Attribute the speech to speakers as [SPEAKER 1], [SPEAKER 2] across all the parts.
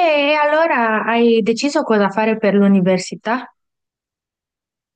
[SPEAKER 1] E allora hai deciso cosa fare per l'università?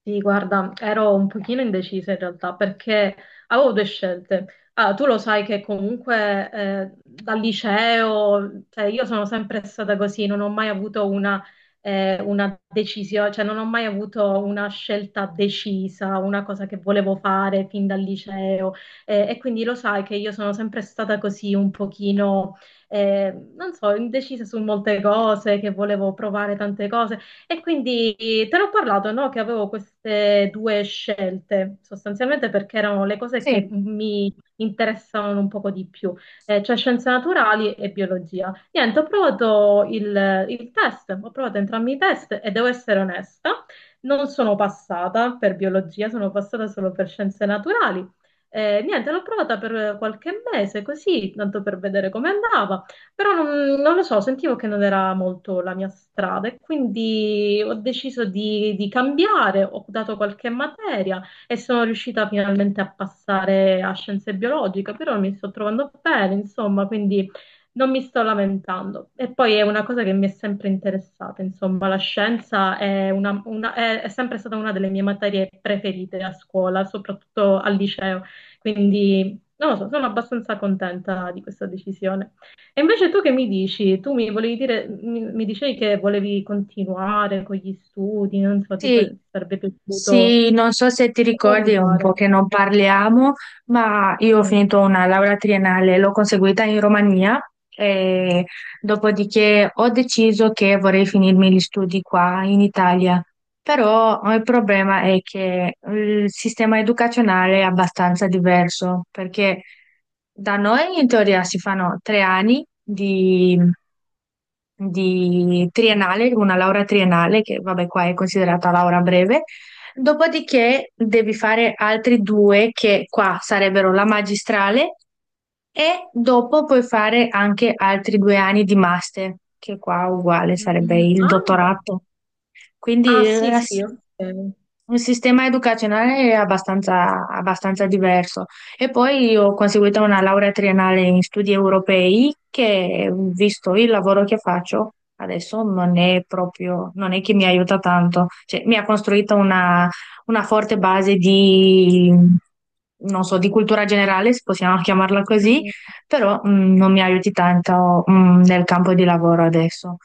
[SPEAKER 2] Sì, guarda, ero un pochino indecisa in realtà perché avevo due scelte. Ah, tu lo sai che comunque dal liceo, cioè, io sono sempre stata così, non ho mai avuto una decisione, cioè non ho mai avuto una scelta decisa, una cosa che volevo fare fin dal liceo. E quindi lo sai che io sono sempre stata così un pochino, non so, indecisa su molte cose, che volevo provare tante cose. E quindi te l'ho parlato, no? Che avevo queste due scelte, sostanzialmente perché erano le cose
[SPEAKER 1] Sì,
[SPEAKER 2] che mi interessavano un poco di più, cioè scienze naturali e biologia. Niente, ho provato il test, ho provato entrambi i test e devo essere onesta, non sono passata per biologia, sono passata solo per scienze naturali. Niente, l'ho provata per qualche mese così, tanto per vedere come andava. Però non lo so, sentivo che non era molto la mia strada e quindi ho deciso di cambiare, ho dato qualche materia e sono riuscita finalmente a passare a scienze biologiche, però mi sto trovando bene, insomma, quindi non mi sto lamentando. E poi è una cosa che mi è sempre interessata, insomma, la scienza è sempre stata una delle mie materie preferite a scuola, soprattutto al liceo, quindi non lo so, sono abbastanza contenta di questa decisione. E invece tu che mi dici? Tu mi volevi dire, mi dicevi che volevi continuare con gli studi, non so, tipo,
[SPEAKER 1] sì.
[SPEAKER 2] ti sarebbe piaciuto
[SPEAKER 1] Sì, non so se ti ricordi, è un
[SPEAKER 2] rifare.
[SPEAKER 1] po' che non parliamo, ma io ho
[SPEAKER 2] Mm.
[SPEAKER 1] finito una laurea triennale, l'ho conseguita in Romania e dopodiché ho deciso che vorrei finirmi gli studi qua in Italia. Però il problema è che il sistema educazionale è abbastanza diverso, perché da noi in teoria si fanno tre anni di triennale, una laurea triennale, che vabbè qua è considerata laurea breve. Dopodiché devi fare altri due che qua sarebbero la magistrale e dopo puoi fare anche altri due anni di master, che qua uguale sarebbe
[SPEAKER 2] Mm.
[SPEAKER 1] il
[SPEAKER 2] Ah,
[SPEAKER 1] dottorato. Quindi
[SPEAKER 2] ah, sì, sì, ok.
[SPEAKER 1] il sistema educazionale è abbastanza, abbastanza diverso. E poi ho conseguito una laurea triennale in studi europei che, visto il lavoro che faccio, adesso non è proprio, non è che mi aiuta tanto. Cioè, mi ha costruito una forte base di, non so, di cultura generale, se possiamo chiamarla così,
[SPEAKER 2] Mm.
[SPEAKER 1] però non mi aiuti tanto nel campo di lavoro adesso.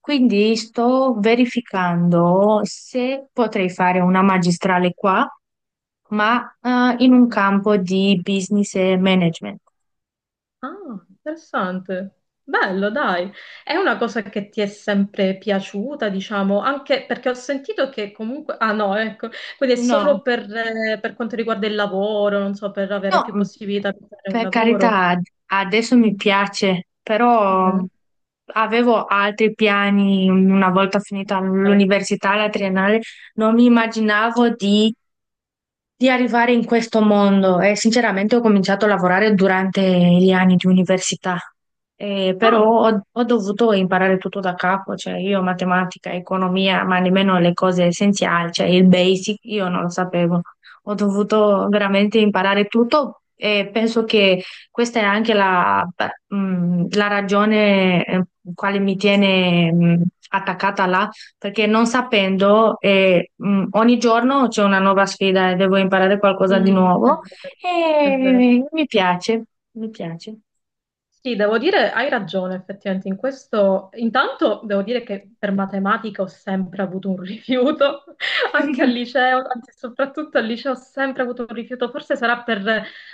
[SPEAKER 1] Quindi sto verificando se potrei fare una magistrale qua, ma in un campo di business e management.
[SPEAKER 2] Ah, interessante. Bello, dai. È una cosa che ti è sempre piaciuta, diciamo, anche perché ho sentito che comunque... Ah no, ecco, quindi è solo
[SPEAKER 1] No,
[SPEAKER 2] per quanto riguarda il lavoro, non so, per avere
[SPEAKER 1] no,
[SPEAKER 2] più possibilità di fare un
[SPEAKER 1] per
[SPEAKER 2] lavoro.
[SPEAKER 1] carità, adesso mi
[SPEAKER 2] Mm.
[SPEAKER 1] piace, però
[SPEAKER 2] Mhm.
[SPEAKER 1] avevo altri piani una volta finita
[SPEAKER 2] Eh.
[SPEAKER 1] l'università, la triennale. Non mi immaginavo di arrivare in questo mondo e sinceramente ho cominciato a lavorare durante gli anni di università. Però
[SPEAKER 2] Ah,
[SPEAKER 1] ho dovuto imparare tutto da capo, cioè io matematica, economia, ma nemmeno le cose essenziali, cioè il basic, io non lo sapevo. Ho dovuto veramente imparare tutto e penso che questa è anche la, la ragione quale mi tiene attaccata là, perché non sapendo, ogni giorno c'è una nuova sfida e devo imparare qualcosa di
[SPEAKER 2] mm, è
[SPEAKER 1] nuovo
[SPEAKER 2] vero, è vero.
[SPEAKER 1] e mi piace, mi piace.
[SPEAKER 2] Sì, devo dire, hai ragione effettivamente in questo. Intanto devo dire che per matematica ho sempre avuto un rifiuto, anche al liceo, anzi soprattutto al liceo ho sempre avuto un rifiuto, forse sarà per,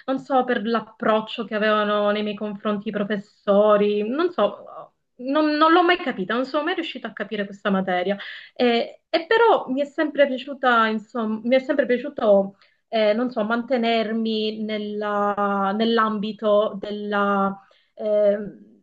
[SPEAKER 2] non so, per l'approccio che avevano nei miei confronti i professori, non so, non l'ho mai capita, non sono mai riuscita a capire questa materia. E però mi è sempre piaciuta, insomma, mi è sempre piaciuto non so, nell'ambito ehm,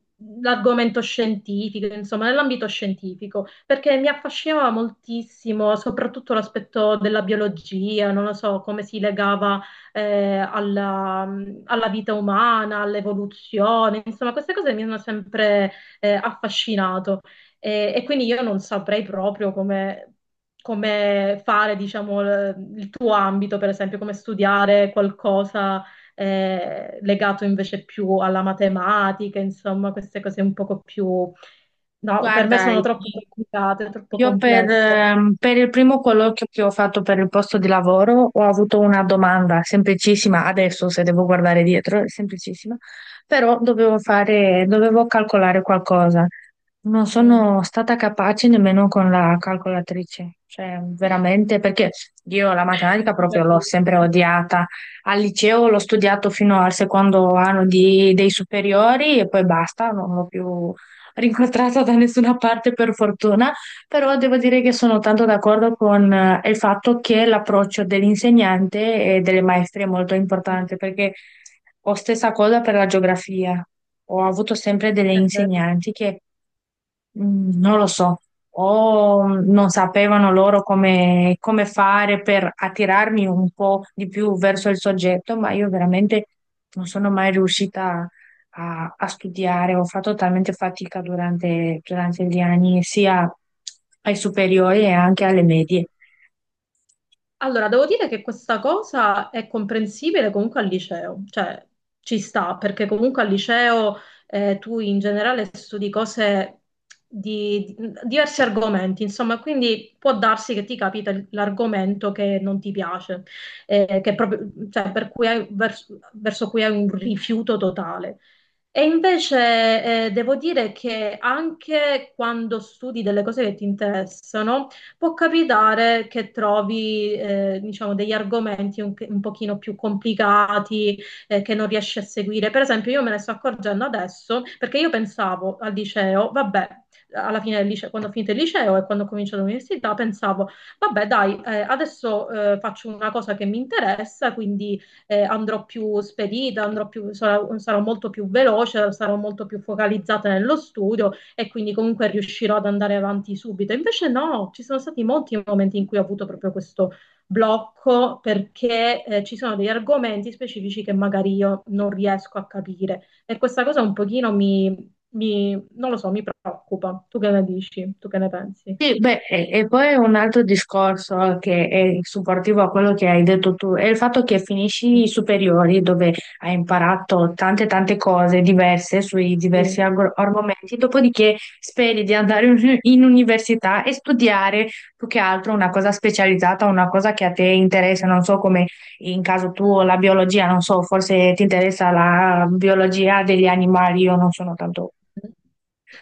[SPEAKER 2] l'argomento scientifico, insomma, nell'ambito scientifico, perché mi affascinava moltissimo, soprattutto l'aspetto della biologia, non lo so, come si legava eh, alla, alla vita umana, all'evoluzione, insomma, queste cose mi hanno sempre affascinato e quindi io non saprei proprio come... come fare, diciamo, il tuo ambito, per esempio, come studiare qualcosa legato invece più alla matematica, insomma, queste cose un poco più... No, per me
[SPEAKER 1] Guarda,
[SPEAKER 2] sono troppo complicate, troppo
[SPEAKER 1] io
[SPEAKER 2] complesse.
[SPEAKER 1] per il primo colloquio che ho fatto per il posto di lavoro ho avuto una domanda semplicissima, adesso se devo guardare dietro è semplicissima, però dovevo calcolare qualcosa. Non
[SPEAKER 2] Mm.
[SPEAKER 1] sono stata capace nemmeno con la calcolatrice, cioè veramente perché io la matematica
[SPEAKER 2] Ti
[SPEAKER 1] proprio l'ho sempre
[SPEAKER 2] capisco.
[SPEAKER 1] odiata. Al liceo l'ho studiato fino al secondo anno dei superiori e poi basta, non l'ho più rincontrata da nessuna parte per fortuna. Però devo dire che sono tanto d'accordo con il fatto che l'approccio dell'insegnante e delle maestre è molto
[SPEAKER 2] Mm.
[SPEAKER 1] importante, perché ho stessa cosa per la geografia. Ho avuto sempre delle
[SPEAKER 2] Eh,
[SPEAKER 1] insegnanti che... Mm, non lo so, o non sapevano loro come, come fare per attirarmi un po' di più verso il soggetto, ma io veramente non sono mai riuscita a studiare, ho fatto talmente fatica durante, durante gli anni, sia ai superiori e anche alle
[SPEAKER 2] eh.
[SPEAKER 1] medie.
[SPEAKER 2] Allora, devo dire che questa cosa è comprensibile comunque al liceo, cioè ci sta, perché comunque al liceo tu in generale studi cose diversi argomenti, insomma, quindi può darsi che ti capita l'argomento che non ti piace, che proprio, cioè, per cui verso, verso cui hai un rifiuto totale. E invece devo dire che anche quando studi delle cose che ti interessano, può capitare che trovi, diciamo, degli argomenti un pochino più complicati, che non riesci a seguire. Per esempio, io me ne sto accorgendo adesso perché io pensavo al liceo, vabbè, alla fine del liceo, quando ho finito il liceo e quando ho cominciato l'università, pensavo, vabbè, dai, adesso faccio una cosa che mi interessa, quindi andrò più spedita, sarò molto più veloce, sarò molto più focalizzata nello studio e quindi comunque riuscirò ad andare avanti subito. Invece no, ci sono stati molti momenti in cui ho avuto proprio questo blocco perché ci sono degli argomenti specifici che magari io non riesco a capire e questa cosa un pochino non lo so, mi preoccupa. Tu che ne dici? Tu che ne pensi?
[SPEAKER 1] Sì, beh, e poi è un altro discorso che è supportivo a quello che hai detto tu, è il fatto che finisci i superiori dove hai imparato tante tante cose diverse sui diversi
[SPEAKER 2] Sì.
[SPEAKER 1] argomenti, dopodiché speri di andare in università e studiare più che altro una cosa specializzata, una cosa che a te interessa, non so come in caso tuo
[SPEAKER 2] Mm.
[SPEAKER 1] la biologia, non so, forse ti interessa la biologia degli animali, io non sono tanto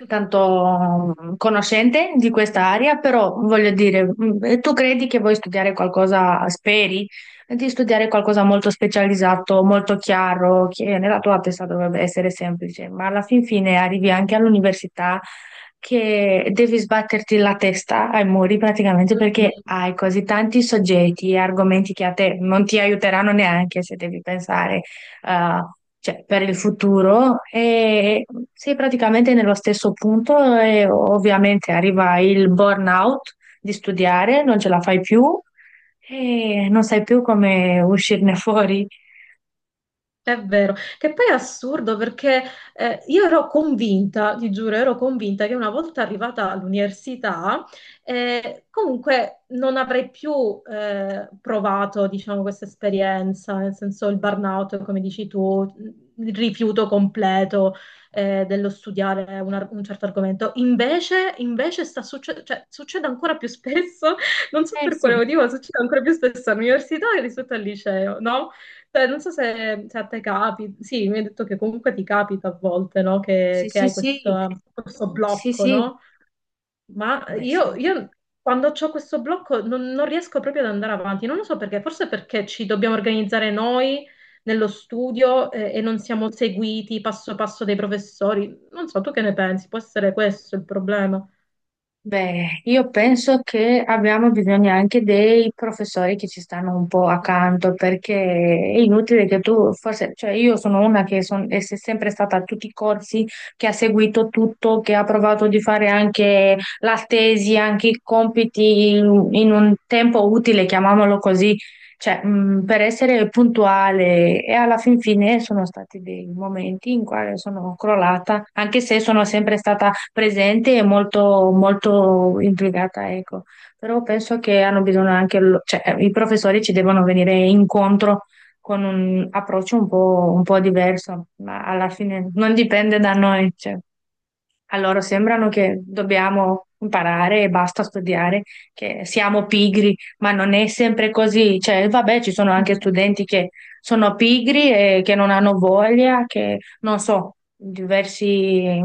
[SPEAKER 1] tanto conoscente di questa area, però voglio dire, e tu credi che vuoi studiare qualcosa, speri di studiare qualcosa molto specializzato, molto chiaro, che nella tua testa dovrebbe essere semplice, ma alla fin fine arrivi anche all'università che devi sbatterti la testa ai muri praticamente perché hai così tanti soggetti e argomenti che a te non ti aiuteranno neanche se devi pensare eh, cioè, per il futuro e sei praticamente nello stesso punto e ovviamente arriva il burnout di studiare, non ce la fai più e non sai più come uscirne fuori.
[SPEAKER 2] È vero, che poi è assurdo perché io ero convinta, ti giuro, ero convinta che una volta arrivata all'università, comunque non avrei più provato, diciamo, questa esperienza, nel senso il burnout, come dici tu, il rifiuto completo dello studiare un certo argomento. Invece, cioè, succede ancora più spesso, non so
[SPEAKER 1] Eh
[SPEAKER 2] per
[SPEAKER 1] sì,
[SPEAKER 2] quale motivo, ma succede ancora più spesso all'università rispetto al liceo, no? Cioè, non so se, se a te capita, sì, mi hai detto che comunque ti capita a volte, no? Che,
[SPEAKER 1] sì,
[SPEAKER 2] che
[SPEAKER 1] sì,
[SPEAKER 2] hai
[SPEAKER 1] sì,
[SPEAKER 2] questo, questo
[SPEAKER 1] sì,
[SPEAKER 2] blocco, no? Ma io,
[SPEAKER 1] sì.
[SPEAKER 2] io quando ho questo blocco non riesco proprio ad andare avanti, non lo so perché, forse perché ci dobbiamo organizzare noi nello studio e non siamo seguiti passo passo dai professori. Non so, tu che ne pensi? Può essere questo il problema?
[SPEAKER 1] Beh, io penso che abbiamo bisogno anche dei professori che ci stanno un po' accanto, perché è inutile che tu, forse, cioè io sono una che son- è se- sempre stata a tutti i corsi, che ha seguito tutto, che ha provato di fare anche la tesi, anche i compiti in un tempo utile, chiamiamolo così, cioè, per essere puntuale e alla fin fine sono stati dei momenti in cui sono crollata, anche se sono sempre stata presente e molto, molto implicata, ecco. Però penso che hanno bisogno anche, cioè, i professori ci devono venire incontro con un approccio un po' diverso, ma alla fine non dipende da noi, cioè. A loro sembrano che dobbiamo imparare e basta studiare, che siamo pigri, ma non è sempre così. Cioè, vabbè, ci sono anche studenti che sono pigri e che non hanno voglia, che non so, diversi,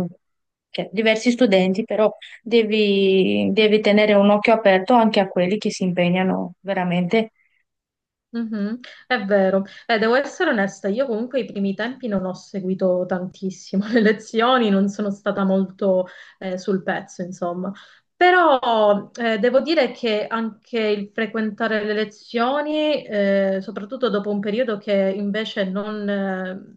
[SPEAKER 1] diversi studenti, però devi, devi tenere un occhio aperto anche a quelli che si impegnano veramente.
[SPEAKER 2] Mhm. È vero. Devo essere onesta, io comunque i primi tempi non ho seguito tantissimo le lezioni, non sono stata molto sul pezzo, insomma. Però devo dire che anche il frequentare le lezioni, soprattutto dopo un periodo che invece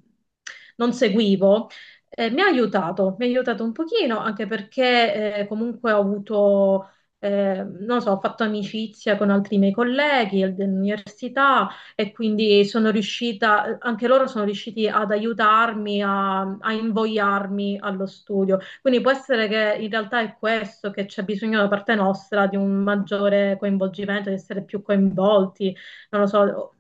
[SPEAKER 2] non seguivo, mi ha aiutato un pochino, anche perché comunque ho avuto non lo so, ho fatto amicizia con altri miei colleghi dell'università e quindi sono riuscita, anche loro sono riusciti ad aiutarmi, a invogliarmi allo studio. Quindi può essere che in realtà è questo, che c'è bisogno da parte nostra di un maggiore coinvolgimento, di essere più coinvolti, non lo so.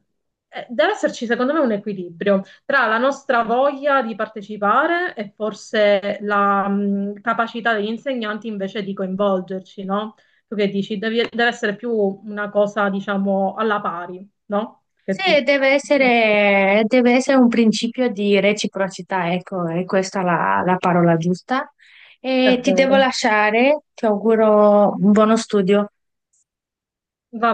[SPEAKER 2] Deve esserci, secondo me, un equilibrio tra la nostra voglia di partecipare e forse la capacità degli insegnanti invece di coinvolgerci, no? Tu che dici? Deve essere più una cosa, diciamo, alla pari, no? Che
[SPEAKER 1] Sì,
[SPEAKER 2] dici?
[SPEAKER 1] deve essere un principio di reciprocità, ecco, è questa la, la parola giusta.
[SPEAKER 2] È
[SPEAKER 1] E ti devo
[SPEAKER 2] vero.
[SPEAKER 1] lasciare, ti auguro un buono studio.
[SPEAKER 2] Va